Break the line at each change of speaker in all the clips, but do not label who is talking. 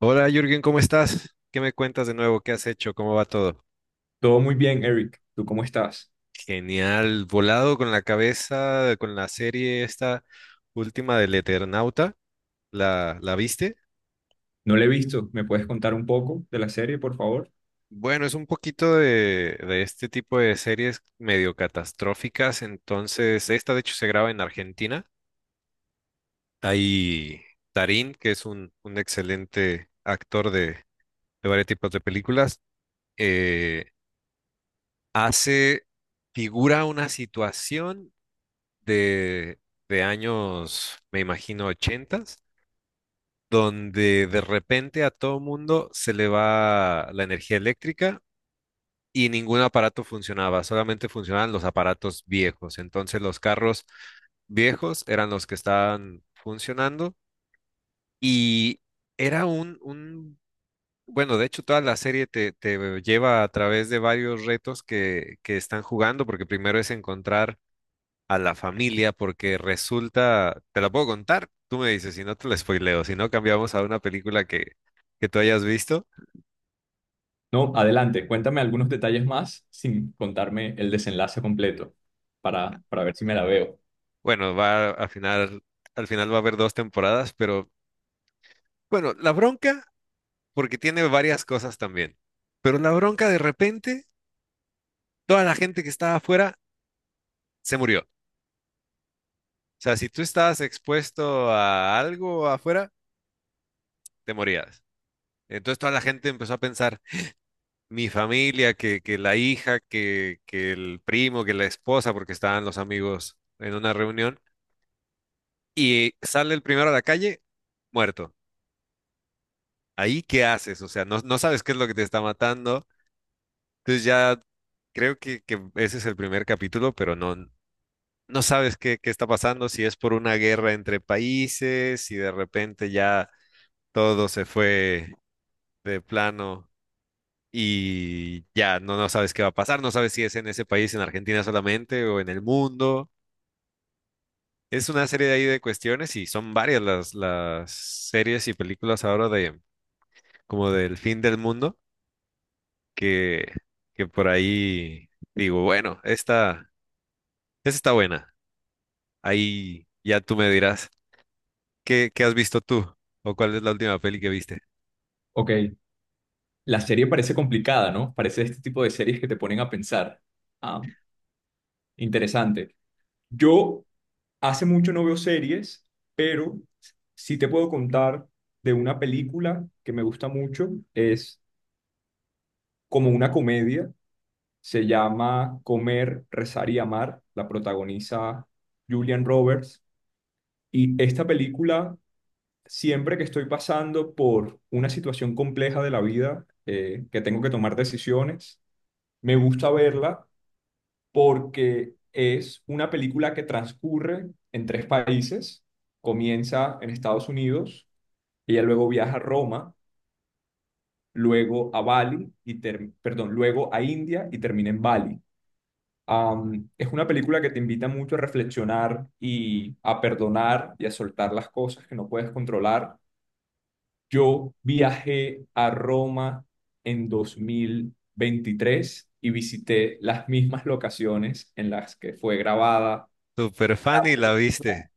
Hola Jürgen, ¿cómo estás? ¿Qué me cuentas de nuevo? ¿Qué has hecho? ¿Cómo va todo?
Todo muy bien, Eric. ¿Tú cómo estás?
Genial, volado con la cabeza, con la serie esta última del Eternauta, ¿la viste?
No le he visto. ¿Me puedes contar un poco de la serie, por favor?
Bueno, es un poquito de este tipo de series medio catastróficas, entonces esta de hecho se graba en Argentina. Hay Tarín, que es un excelente actor de varios tipos de películas, eh, hace, figura una situación de, de años, me imagino, ochentas, donde de repente a todo mundo se le va la energía eléctrica y ningún aparato funcionaba, solamente funcionaban los aparatos viejos. Entonces los carros viejos eran los que estaban funcionando y era un bueno, de hecho toda la serie te lleva a través de varios retos que están jugando, porque primero es encontrar a la familia porque resulta, te la puedo contar, tú me dices, si no te la spoileo, si no cambiamos a una película que tú hayas visto.
No, adelante. Cuéntame algunos detalles más sin contarme el desenlace completo para ver si me la veo.
Bueno, va a final, al final va a haber dos temporadas, pero bueno, la bronca, porque tiene varias cosas también, pero la bronca de repente, toda la gente que estaba afuera se murió. O sea, si tú estabas expuesto a algo afuera, te morías. Entonces toda la gente empezó a pensar, mi familia, que la hija, que el primo, que la esposa, porque estaban los amigos en una reunión, y sale el primero a la calle, muerto. Ahí, ¿qué haces? O sea, no, no sabes qué es lo que te está matando. Entonces ya creo que ese es el primer capítulo, pero no, no sabes qué, qué está pasando, si es por una guerra entre países, si de repente ya todo se fue de plano y ya no, no sabes qué va a pasar, no sabes si es en ese país, en Argentina solamente o en el mundo. Es una serie de ahí de cuestiones y son varias las series y películas ahora de como del fin del mundo que, que por ahí digo, bueno, esta está buena. Ahí ya tú me dirás, ¿qué, qué has visto tú? ¿O cuál es la última peli que viste?
Ok. La serie parece complicada, ¿no? Parece este tipo de series que te ponen a pensar. Ah, Interesante. Yo hace mucho no veo series, pero sí te puedo contar de una película que me gusta mucho. Es como una comedia. Se llama Comer, Rezar y Amar. La protagoniza Julian Roberts. Y esta película, siempre que estoy pasando por una situación compleja de la vida, que tengo que tomar decisiones, me gusta verla porque es una película que transcurre en tres países. Comienza en Estados Unidos, ella luego viaja a Roma, luego a Bali y perdón, luego a India y termina en Bali. Es una película que te invita mucho a reflexionar y a perdonar y a soltar las cosas que no puedes controlar. Yo viajé a Roma en 2023 y visité las mismas locaciones en las que fue grabada.
Super
La
fan y la
peli.
viste.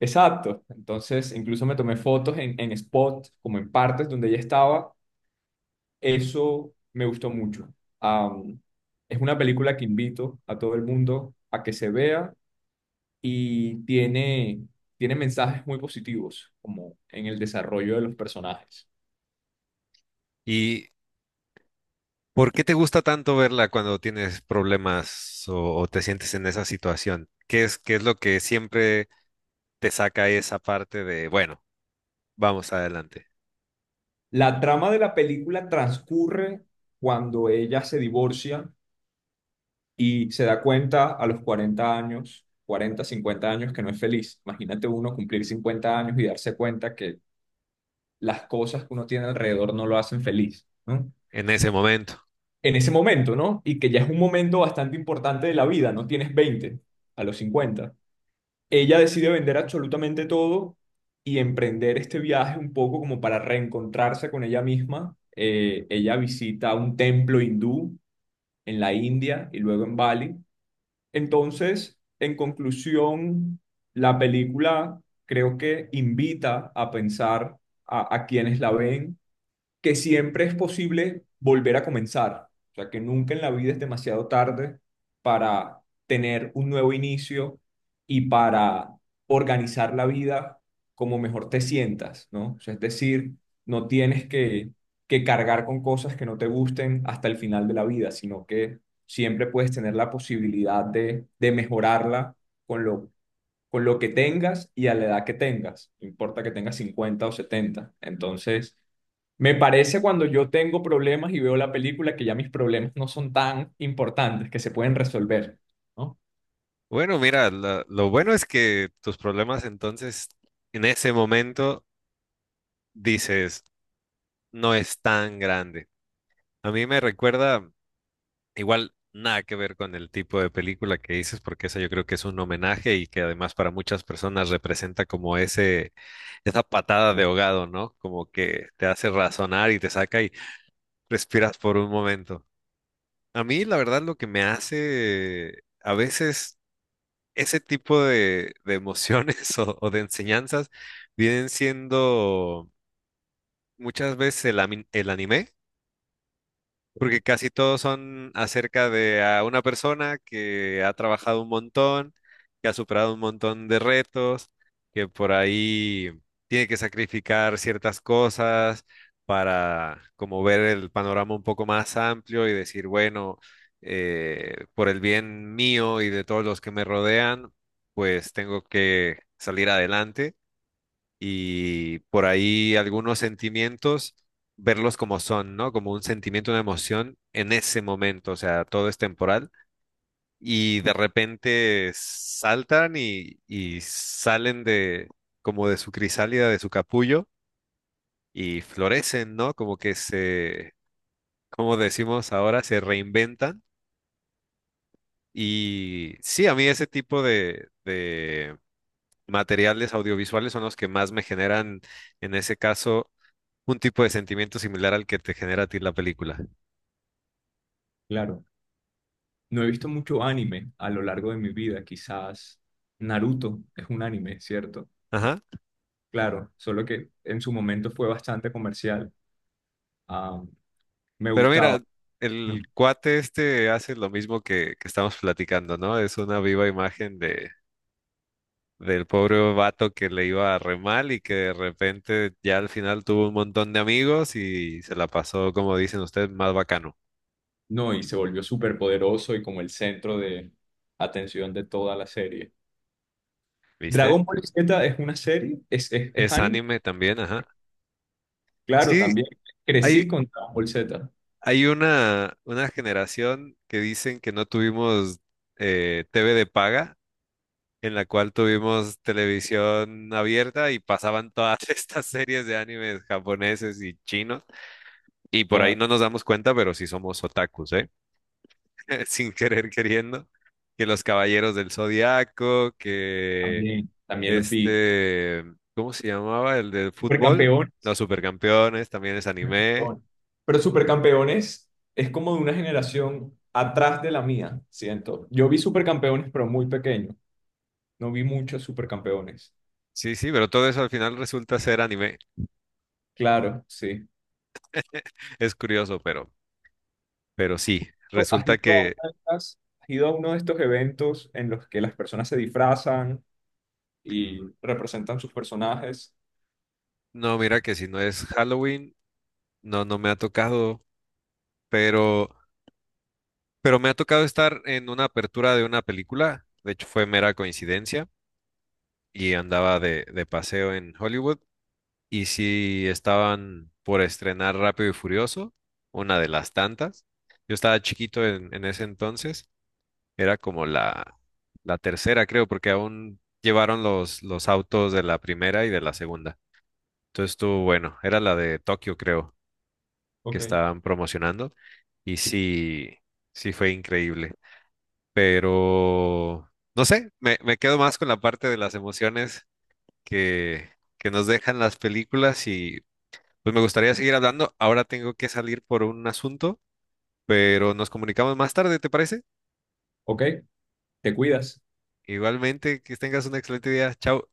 Exacto. Entonces, incluso me tomé fotos en spots, como en partes donde ella estaba. Eso me gustó mucho. Am, es una película que invito a todo el mundo a que se vea y tiene mensajes muy positivos, como en el desarrollo de los personajes.
¿Y por qué te gusta tanto verla cuando tienes problemas o te sientes en esa situación? Qué es lo que siempre te saca esa parte de, bueno, vamos adelante?
La trama de la película transcurre cuando ella se divorcia y se da cuenta a los 40 años, 40 50 años, que no es feliz. Imagínate uno cumplir cincuenta años y darse cuenta que las cosas que uno tiene alrededor no lo hacen feliz, ¿no?
En ese momento.
En ese momento, ¿no? Y que ya es un momento bastante importante de la vida, no tienes veinte, a los cincuenta. Ella decide vender absolutamente todo y emprender este viaje un poco como para reencontrarse con ella misma. Ella visita un templo hindú en la India y luego en Bali. Entonces, en conclusión, la película creo que invita a pensar a quienes la ven que siempre es posible volver a comenzar. O sea, que nunca en la vida es demasiado tarde para tener un nuevo inicio y para organizar la vida como mejor te sientas, ¿no? O sea, es decir, no tienes que cargar con cosas que no te gusten hasta el final de la vida, sino que siempre puedes tener la posibilidad de mejorarla con con lo que tengas y a la edad que tengas, no importa que tengas 50 o 70. Entonces, me parece cuando yo tengo problemas y veo la película que ya mis problemas no son tan importantes, que se pueden resolver, ¿no?
Bueno, mira, lo bueno es que tus problemas entonces en ese momento dices, no es tan grande. A mí me recuerda, igual nada que ver con el tipo de película que dices, porque esa yo creo que es un homenaje y que además para muchas personas representa como ese, esa patada de ahogado, ¿no? Como que te hace razonar y te saca y respiras por un momento. A mí, la verdad, lo que me hace a veces ese tipo de emociones o de enseñanzas vienen siendo muchas veces el anime. Porque casi todos son acerca de a una persona que ha trabajado un montón, que ha superado un montón de retos, que por ahí tiene que sacrificar ciertas cosas para como ver el panorama un poco más amplio y decir, bueno, por el bien mío y de todos los que me rodean, pues tengo que salir adelante y por ahí algunos sentimientos, verlos como son, ¿no? Como un sentimiento, una emoción en ese momento, o sea, todo es temporal y de repente saltan y salen de como de su crisálida, de su capullo y florecen, ¿no? Como que se, como decimos ahora, se reinventan. Y sí, a mí ese tipo de materiales audiovisuales son los que más me generan, en ese caso, un tipo de sentimiento similar al que te genera a ti la película.
Claro. No he visto mucho anime a lo largo de mi vida, quizás Naruto es un anime, ¿cierto?
Ajá.
Claro, solo que en su momento fue bastante comercial. Ah, Me
Pero mira,
gustaba
el
mucho.
cuate este hace lo mismo que estamos platicando, ¿no? Es una viva imagen de, del pobre vato que le iba re mal y que de repente ya al final tuvo un montón de amigos y se la pasó, como dicen ustedes, más bacano,
No, y se volvió súper poderoso y como el centro de atención de toda la serie.
¿viste?
Dragon Ball Z es una serie, es
Es
anime.
anime también, ajá.
Claro,
Sí,
también crecí
hay,
con Dragon Ball Z.
hay una generación que dicen que no tuvimos TV de paga en la cual tuvimos televisión abierta y pasaban todas estas series de animes japoneses y chinos. Y por ahí
Claro.
no nos damos cuenta, pero sí somos otakus, ¿eh? Sin querer queriendo. Que los Caballeros del Zodiaco, que
También los vi.
este, ¿cómo se llamaba? El del fútbol,
Supercampeones.
los Supercampeones, también es anime.
Supercampeones. Pero Supercampeones es como de una generación atrás de la mía, siento. Yo vi Supercampeones, pero muy pequeño. No vi muchos Supercampeones.
Sí, sí, pero todo eso al final resulta ser anime.
Claro, sí.
Es curioso, pero sí, resulta que,
¿Has ido a uno de estos eventos en los que las personas se disfrazan y representan sus personajes?
no, mira que si no es Halloween, no, no me ha tocado pero, pero me ha tocado estar en una apertura de una película, de hecho fue mera coincidencia, y andaba de paseo en Hollywood, y sí estaban por estrenar Rápido y Furioso, una de las tantas. Yo estaba chiquito en ese entonces, era como la tercera, creo, porque aún llevaron los autos de la primera y de la segunda. Entonces estuvo bueno, era la de Tokio, creo, que
Ok.
estaban promocionando, y sí, sí fue increíble. Pero no sé, me quedo más con la parte de las emociones que, que nos dejan las películas y pues me gustaría seguir hablando. Ahora tengo que salir por un asunto, pero nos comunicamos más tarde, ¿te parece?
Ok, te cuidas.
Igualmente, que tengas un excelente día. Chao.